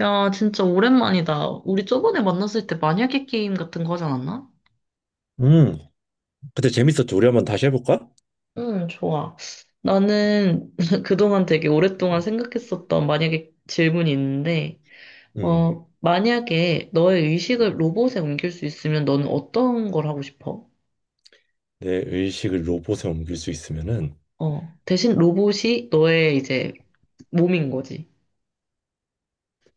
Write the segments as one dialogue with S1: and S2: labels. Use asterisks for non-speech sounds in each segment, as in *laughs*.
S1: 야, 진짜 오랜만이다. 우리 저번에 만났을 때 만약에 게임 같은 거 하지 않았나?
S2: 음, 그때 재밌었죠. 우리 한번 다시 해볼까?
S1: 응, 좋아. 나는 *laughs* 그동안 되게 오랫동안 생각했었던 만약에 질문이 있는데,
S2: 음,
S1: 어, 만약에 너의
S2: 음.
S1: 의식을 로봇에 옮길 수 있으면 너는 어떤 걸 하고 싶어?
S2: 내 의식을 로봇에 옮길 수 있으면은,
S1: 어, 대신 로봇이 너의 이제 몸인 거지.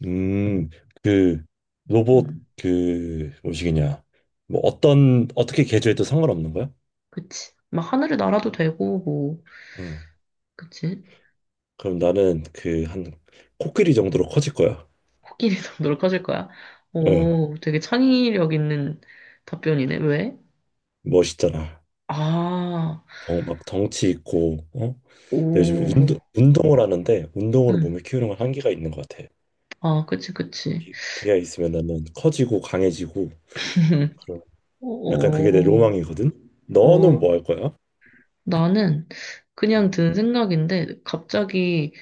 S2: 음, 그 로봇
S1: 음
S2: 그 뭐시기냐, 뭐 어떤 어떻게 개조해도 상관없는 거야?
S1: 그치. 막 하늘을 날아도 되고, 뭐,
S2: 음,
S1: 그치?
S2: 그럼 나는 그 한 코끼리 정도로 커질 거야.
S1: 코끼리도 *laughs* 놀 하실 거야.
S2: 어,
S1: 오, 되게 창의력 있는 답변이네. 왜?
S2: 멋있잖아.
S1: 아,
S2: 막 덩치 있고, 어?
S1: 오,
S2: 내가 요즘 운동을 하는데 운동으로
S1: 음,
S2: 몸을 키우는 건 한계가 있는 것 같아.
S1: 아, 그치, 그치.
S2: 기가 있으면 나는 커지고 강해지고.
S1: *laughs* 어,
S2: 약간 그게 내 로망이거든.
S1: 어,
S2: 너는
S1: 어,
S2: 뭐 할 거야?
S1: 나는 그냥
S2: 음.
S1: 든 생각인데, 갑자기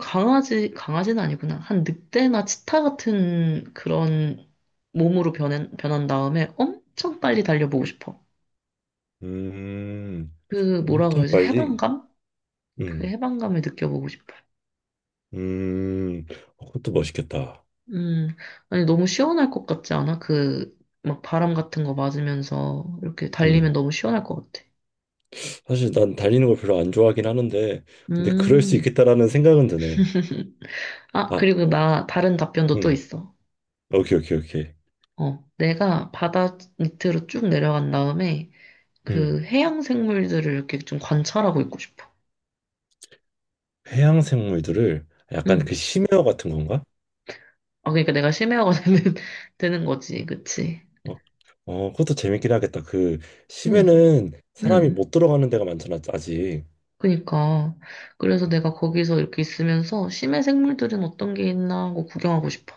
S1: 강아지, 강아지는 아니구나. 한 늑대나 치타 같은 그런 몸으로 변한 다음에 엄청 빨리 달려보고 싶어.
S2: 음,
S1: 그, 뭐라
S2: 엄청
S1: 그러지?
S2: 빨리.
S1: 해방감? 그
S2: 음,
S1: 해방감을 느껴보고 싶어.
S2: 음, 어, 그것도 멋있겠다.
S1: 음, 아니, 너무 시원할 것 같지 않아? 그, 막 바람 같은 거 맞으면서 이렇게 달리면
S2: 음,
S1: 너무 시원할 것 같아.
S2: 사실 난 달리는 걸 별로 안 좋아하긴 하는데, 근데 그럴 수
S1: 음.
S2: 있겠다라는 생각은 드네.
S1: *laughs* 아,
S2: 아,
S1: 그리고 나 다른 답변도 또
S2: 음,
S1: 있어.
S2: 오케이, 오케이, 오케이.
S1: 어, 내가 바다 밑으로 쭉 내려간 다음에
S2: 음,
S1: 그 해양 생물들을 이렇게 좀 관찰하고 있고 싶어.
S2: 해양 생물들을 약간
S1: 응.
S2: 그 심해어 같은 건가?
S1: 아, 그러니까 내가 심해화가 *laughs* 되는 거지. 그치?
S2: 어, 어, 그것도 재밌긴 하겠다. 그
S1: 응,
S2: 심해는 사람이
S1: 응.
S2: 못 들어가는 데가 많잖아, 아직.
S1: 그니까. 그래서 내가 거기서 이렇게 있으면서 심해 생물들은 어떤 게 있나 하고 구경하고 싶어.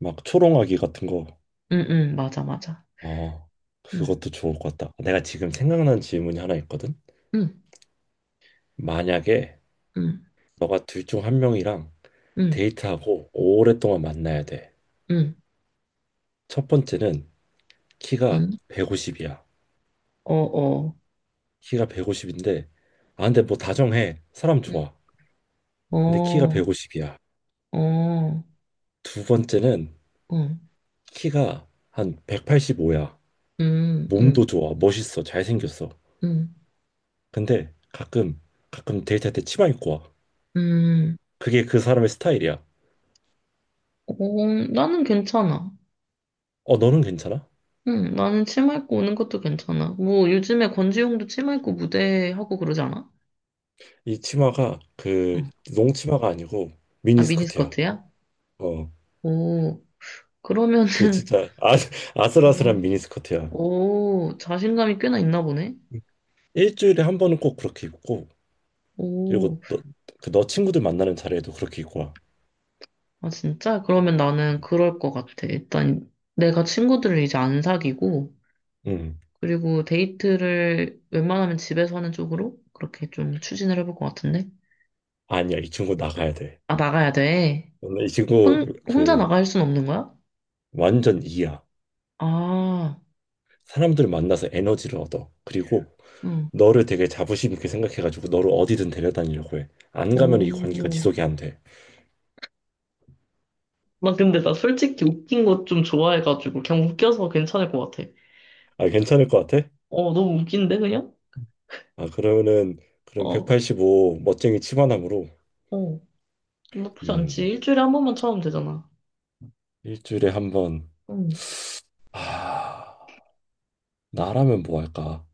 S2: 막 초롱아기 같은 거.
S1: 응, 응, 맞아, 맞아.
S2: 어,
S1: 응,
S2: 그것도 좋을 것 같다. 내가 지금 생각난 질문이 하나 있거든.
S1: 응,
S2: 만약에
S1: 응,
S2: 너가 둘 중 한 명이랑
S1: 응,
S2: 데이트하고 오랫동안 만나야 돼.
S1: 응,
S2: 첫 번째는 키가
S1: 응.
S2: 150이야.
S1: 어, 어.
S2: 키가 150인데, 아, 근데 뭐 다정해. 사람
S1: 응.
S2: 좋아. 근데 키가
S1: 어,
S2: 150이야.
S1: 어.
S2: 두 번째는
S1: 응,
S2: 키가 한 185야.
S1: 음,
S2: 몸도
S1: 음,
S2: 좋아. 멋있어. 잘생겼어.
S1: 음,
S2: 근데 가끔 데이트할 때 치마 입고 와.
S1: 음.
S2: 그게 그 사람의 스타일이야.
S1: 어, 나는 괜찮아.
S2: 어, 너는 괜찮아?
S1: 응, 나는 치마 입고 오는 것도 괜찮아. 뭐, 요즘에 권지용도 치마 입고 무대 하고 그러지 않아?
S2: 이 치마가 그
S1: 응.
S2: 농치마가 아니고
S1: 아,
S2: 미니스커트야.
S1: 미니스커트야?
S2: 어,
S1: 오, 그러면은,
S2: 그 진짜
S1: *laughs*
S2: *laughs*
S1: 어,
S2: 아슬아슬한 미니스커트야.
S1: 오, 자신감이 꽤나 있나 보네?
S2: 일주일에 한 번은 꼭 그렇게 입고 그리고
S1: 오,
S2: 너 친구들 만나는 자리에도 그렇게 입고 와.
S1: 아, 진짜? 그러면 나는 그럴 것 같아. 일단, 내가 친구들을 이제 안 사귀고,
S2: 응.
S1: 그리고 데이트를 웬만하면 집에서 하는 쪽으로 그렇게 좀 추진을 해볼 것 같은데?
S2: 아니야, 이 친구 나가야 돼.
S1: 아, 나가야 돼.
S2: 오늘 이 친구
S1: 혼자
S2: 그
S1: 나갈 순 없는 거야?
S2: 완전 이야.
S1: 아,
S2: 사람들 만나서 에너지를 얻어. 그리고
S1: 응.
S2: 너를 되게 자부심 있게 생각해가지고 너를 어디든 데려다니려고 해. 안 가면 이 관계가
S1: 오.
S2: 지속이 안 돼.
S1: 나 근데 나 솔직히 웃긴 거 좀 좋아해가지고 그냥 웃겨서 괜찮을 것 같아.
S2: 아, 괜찮을 것 같아?
S1: 어, 너무 웃긴데 그냥?
S2: 아, 그러면은 그럼
S1: 어,
S2: 185 멋쟁이 치마남으로.
S1: 어. 나쁘지 않지.
S2: 음,
S1: 일주일에 한 번만 참으면 되잖아.
S2: 일주일에 한 번.
S1: 응.
S2: 아, 나라면 뭐 할까?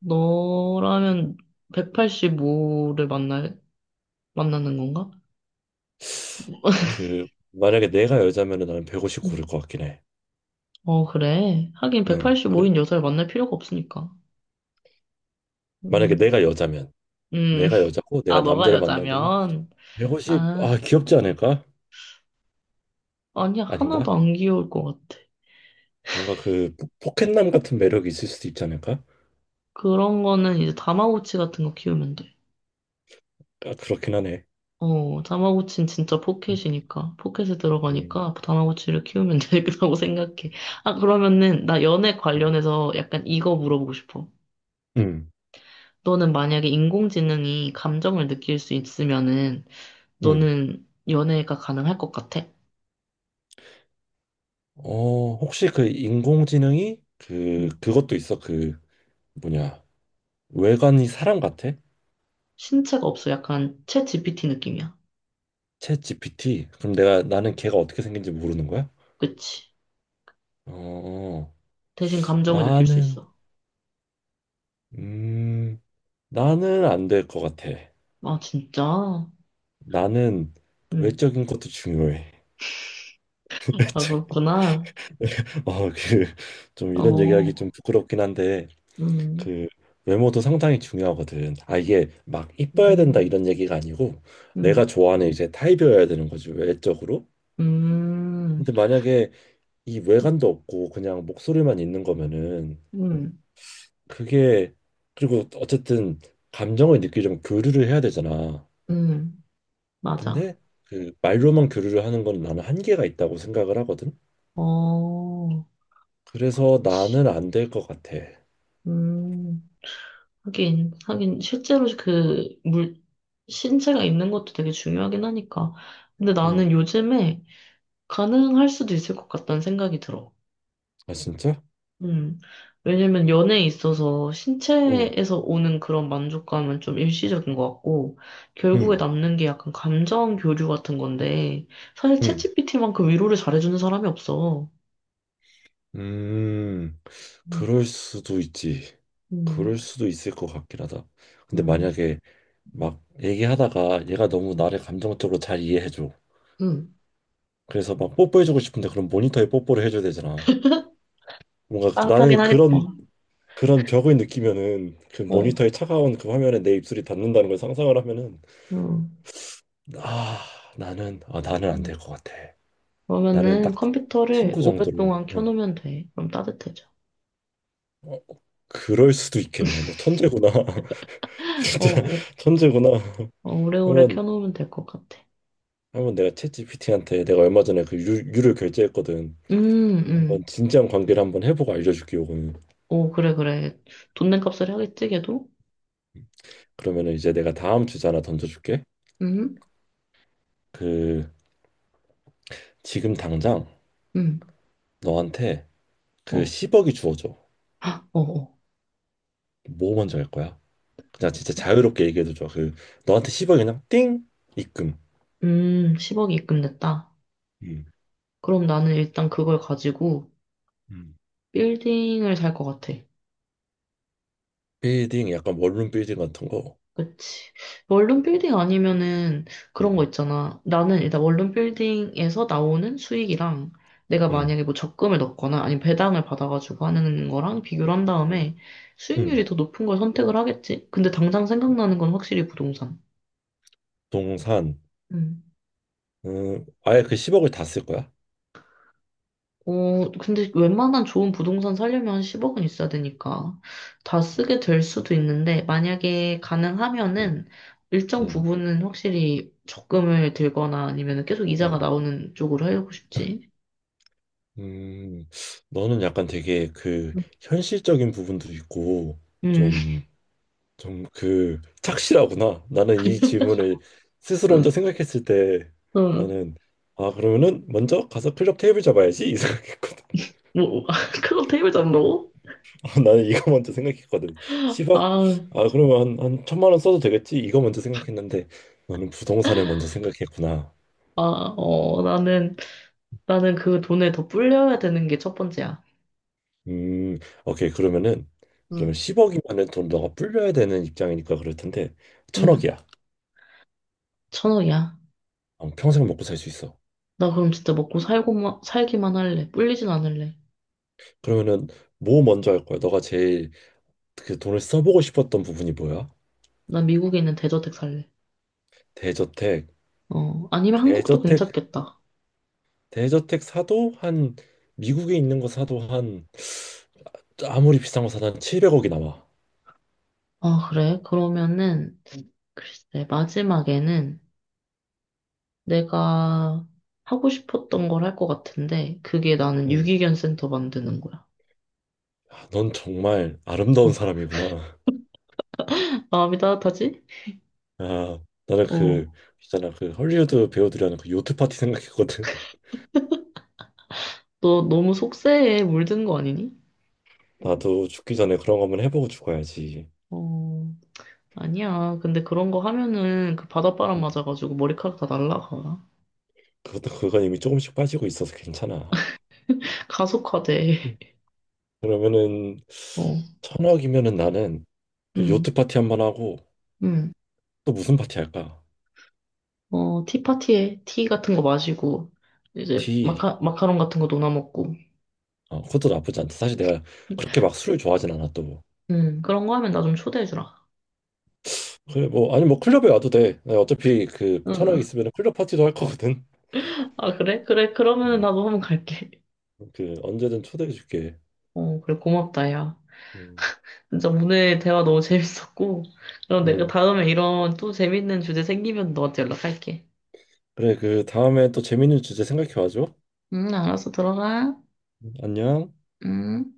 S1: 너라면 185를 만나는 건가?
S2: 그 만약에 내가 여자면은 나는 150
S1: 응.
S2: 고를 것 같긴 해.
S1: 어, 그래. 하긴
S2: 응. 그래.
S1: 185인 여자를 만날 필요가 없으니까.
S2: 만약에
S1: 음,
S2: 내가 여자면
S1: 음.
S2: 내가 여자고
S1: 아,
S2: 내가
S1: 너가
S2: 남자를 만나야 되면
S1: 여자면?
S2: 150.
S1: 아,
S2: 아, 귀엽지 않을까?
S1: 아니야.
S2: 아닌가?
S1: 하나도 안 귀여울 것 같아.
S2: 뭔가 그 포켓남 같은 매력이 있을 수도 있지 않을까?
S1: 그런 거는 이제 다마고치 같은 거 키우면 돼.
S2: 아, 그렇긴 하네.
S1: 어, 다마고치는 진짜
S2: 음.
S1: 포켓이니까. 포켓에
S2: 음.
S1: 들어가니까 다마고치를 키우면 *laughs* 되겠다고 생각해. 아, 그러면은 나 연애
S2: 음.
S1: 관련해서 약간 이거 물어보고 싶어.
S2: 음.
S1: 너는 만약에 인공지능이 감정을 느낄 수 있으면은
S2: 음.
S1: 너는 연애가 가능할 것 같아?
S2: 어, 혹시 그 인공지능이 그
S1: 응.
S2: 그것도 있어. 그 뭐냐 외관이 사람 같아?
S1: 신체가 없어. 약간 챗 GPT 느낌이야.
S2: 챗 GPT 그럼 내가 나는 걔가 어떻게 생긴지 모르는 거야?
S1: 그치?
S2: 어
S1: 대신 감정을 느낄 수
S2: 나는
S1: 있어.
S2: 음 나는 안 될 것 같아.
S1: 아, 진짜?
S2: 나는
S1: 응.
S2: 외적인 것도 중요해. *laughs*
S1: 아,
S2: 외적
S1: 그렇구나.
S2: *laughs* 어그좀 이런
S1: 어,
S2: 얘기하기 좀 부끄럽긴 한데
S1: 음.
S2: 그 외모도 상당히 중요하거든. 아, 이게 막 이뻐야 된다
S1: 음.
S2: 이런 얘기가 아니고
S1: 음,
S2: 내가 좋아하는 이제 타입이어야 되는 거지 외적으로.
S1: 음,
S2: 근데 만약에 이 외관도 없고 그냥 목소리만 있는 거면은
S1: 음,
S2: 그게, 그리고 어쨌든 감정을 느끼려면 교류를 해야 되잖아.
S1: 음, 맞아.
S2: 근데 그 말로만 교류를 하는 건 나는 한계가 있다고 생각을 하거든.
S1: 어,
S2: 그래서 나는 안 될 것 같아.
S1: 음, 하긴, 하긴, 실제로 그 신체가 있는 것도 되게 중요하긴 하니까. 근데 나는
S2: 음.
S1: 요즘에 가능할 수도 있을 것 같다는 생각이 들어.
S2: 아 진짜?
S1: 음, 왜냐면 연애에 있어서
S2: 응.
S1: 신체에서 오는 그런 만족감은 좀 일시적인 것 같고, 결국에
S2: 응.
S1: 남는 게 약간 감정 교류 같은 건데, 사실
S2: 응.
S1: 챗GPT만큼 위로를 잘해주는 사람이 없어.
S2: 음. 그럴 수도 있지.
S1: 음,
S2: 그럴 수도 있을 것 같긴 하다. 근데
S1: 음,
S2: 만약에 막 얘기하다가 얘가 너무 나를 감정적으로 잘 이해해줘.
S1: 음.
S2: 그래서 막 뽀뽀해주고 싶은데 그럼 모니터에 뽀뽀를 해줘야 되잖아. 뭔가 나는
S1: 빠듯하긴 하겠다.
S2: 그런 벽을 느끼면은 그
S1: 어,
S2: 모니터의 차가운 그 화면에 내 입술이 닿는다는 걸 상상을 하면은
S1: 어
S2: 아 나는 안
S1: 음.
S2: 될 것 같아. 나는
S1: 그러면은
S2: 딱
S1: 컴퓨터를
S2: 친구 정도로.
S1: 오랫동안
S2: 어.
S1: 켜놓으면 돼. 그럼 따뜻해져.
S2: 어, 그럴 수도 있겠네. 너 천재구나. *laughs*
S1: 어,
S2: 진짜
S1: 어,
S2: 천재구나.
S1: 어, 오래오래
S2: 한번
S1: 켜놓으면 될 것 같아.
S2: 한번 내가 챗GPT한테 내가 얼마 전에 그 유를 결제했거든.
S1: 음,
S2: 한번
S1: 음.
S2: 진지한 관계를 한번 해보고 알려줄게 요거는.
S1: 오, 그래, 그래. 돈 낸 값을 하겠지, 걔도?
S2: 그러면은 이제 내가 다음 주제 하나 던져줄게.
S1: 음,
S2: 그 지금 당장
S1: 음.
S2: 너한테 그
S1: 어,
S2: 10억이 주어져.
S1: 헉, 어, 어.
S2: 뭐 먼저 할 거야? 그냥 진짜 자유롭게 얘기해도 좋아. 그 너한테 10억 그냥 띵 입금.
S1: 10억이 입금됐다.
S2: 음,
S1: 그럼 나는 일단 그걸 가지고
S2: 음,
S1: 빌딩을 살 것 같아.
S2: 빌딩 약간 원룸 빌딩 같은 거.
S1: 그치. 원룸 빌딩 아니면은 그런 거
S2: 음.
S1: 있잖아. 나는 일단 원룸 빌딩에서 나오는 수익이랑 내가
S2: 응.
S1: 만약에 뭐 적금을 넣거나 아니면 배당을 받아가지고 하는 거랑 비교를 한
S2: 응.
S1: 다음에 수익률이
S2: 응.
S1: 더 높은 걸 선택을 하겠지. 근데 당장 생각나는 건 확실히 부동산.
S2: 동산. 아예 그 10억을 다 쓸 거야?
S1: 어, 근데 웬만한 좋은 부동산 살려면 10억은 있어야 되니까 다 쓰게 될 수도 있는데 만약에
S2: 응.
S1: 가능하면은 일정
S2: 응.
S1: 부분은 확실히 적금을 들거나 아니면 계속 이자가
S2: 응.
S1: 나오는 쪽으로 하려고 싶지.
S2: 음. 너는 약간 되게 그 현실적인 부분도 있고
S1: 음,
S2: 좀 좀 그 착실하구나. 나는 이 질문을 스스로 혼자
S1: *laughs*
S2: 생각했을 때
S1: 음,
S2: 나는 아, 그러면은 먼저 가서 클럽 테이블 잡아야지 이 생각했거든. *laughs*
S1: 뭐, *laughs* 그거 테이블 잡는다고?
S2: 나는 이거 먼저 생각했거든. 10억?
S1: 아,
S2: 아, 그러면 한 천만 원 써도 되겠지? 이거 먼저 생각했는데 너는 부동산을 먼저 생각했구나.
S1: 아, 어, 나는 그 돈에 더 불려야 되는 게 첫 번째야.
S2: 음 오케이. 그러면은
S1: 응.
S2: 그러면 10억이면은 돈 너가 불려야 되는 입장이니까 그럴 텐데
S1: 응.
S2: 천억이야.
S1: 1,000억이야.
S2: 어, 평생 먹고 살 수 있어.
S1: 나 그럼 진짜 먹고 살기만 할래. 불리진 않을래.
S2: 그러면은 뭐 먼저 할 거야? 너가 제일 그 돈을 써보고 싶었던 부분이 뭐야?
S1: 난 미국에 있는 대저택 살래.
S2: 대저택,
S1: 어, 아니면 한국도
S2: 대저택,
S1: 괜찮겠다.
S2: 대저택 사도 한 미국에 있는 거 사도 한 아무리 비싼 거 사도 한 700억이 나와.
S1: 아, 그래? 그러면은, 글쎄, 마지막에는 내가 하고 싶었던 걸 할 것 같은데, 그게 나는
S2: 음,
S1: 유기견 센터 만드는 거야.
S2: 아, 넌 정말 아름다운
S1: *laughs*
S2: 사람이구나.
S1: 마음이 따뜻하지?
S2: 아, 나는
S1: 어.
S2: 그 있잖아 그 헐리우드 배우들이 하는 그 요트 파티 생각했거든. *laughs*
S1: 너 너무 속세에 물든 거 아니니?
S2: 나도 죽기 전에 그런 거 한번 해보고 죽어야지.
S1: 어, 아니야. 근데 그런 거 하면은 그 바닷바람
S2: 음,
S1: 맞아가지고 머리카락 다 날라가.
S2: 그것도 그건 이미 조금씩 빠지고 있어서 괜찮아.
S1: *laughs* 가속화돼.
S2: 음, 그러면은
S1: 어,
S2: 천억이면은 나는 그
S1: 응,
S2: 요트 파티 한번 하고
S1: 응.
S2: 또 무슨 파티 할까?
S1: 어, 티파티에 티 같은 거 마시고, 이제
S2: 디
S1: 마카롱 같은 거 도나 먹고,
S2: 어, 그것도 나쁘지 않다. 사실 내가 그렇게 막 술을 좋아하진 않아 또.
S1: 그런 거 하면 나 좀 초대해주라.
S2: 그래, 뭐, 아니, 뭐 클럽에 와도 돼. 내가 어차피 그 천억
S1: 응.
S2: 있으면 클럽 파티도 할 거거든.
S1: 아, 그래? 그래, 그러면
S2: 음.
S1: 나도 한번 갈게.
S2: 그 언제든 초대해 줄게.
S1: 어, 그래, 고맙다, 야.
S2: 음,
S1: 진짜 오늘 대화 너무 재밌었고, 그럼 내가
S2: 음.
S1: 다음에 이런 또 재밌는 주제 생기면 너한테 연락할게.
S2: 그래, 그 다음에 또 재밌는 주제 생각해 와줘.
S1: 응, 알았어, 들어가.
S2: 안녕.
S1: 응.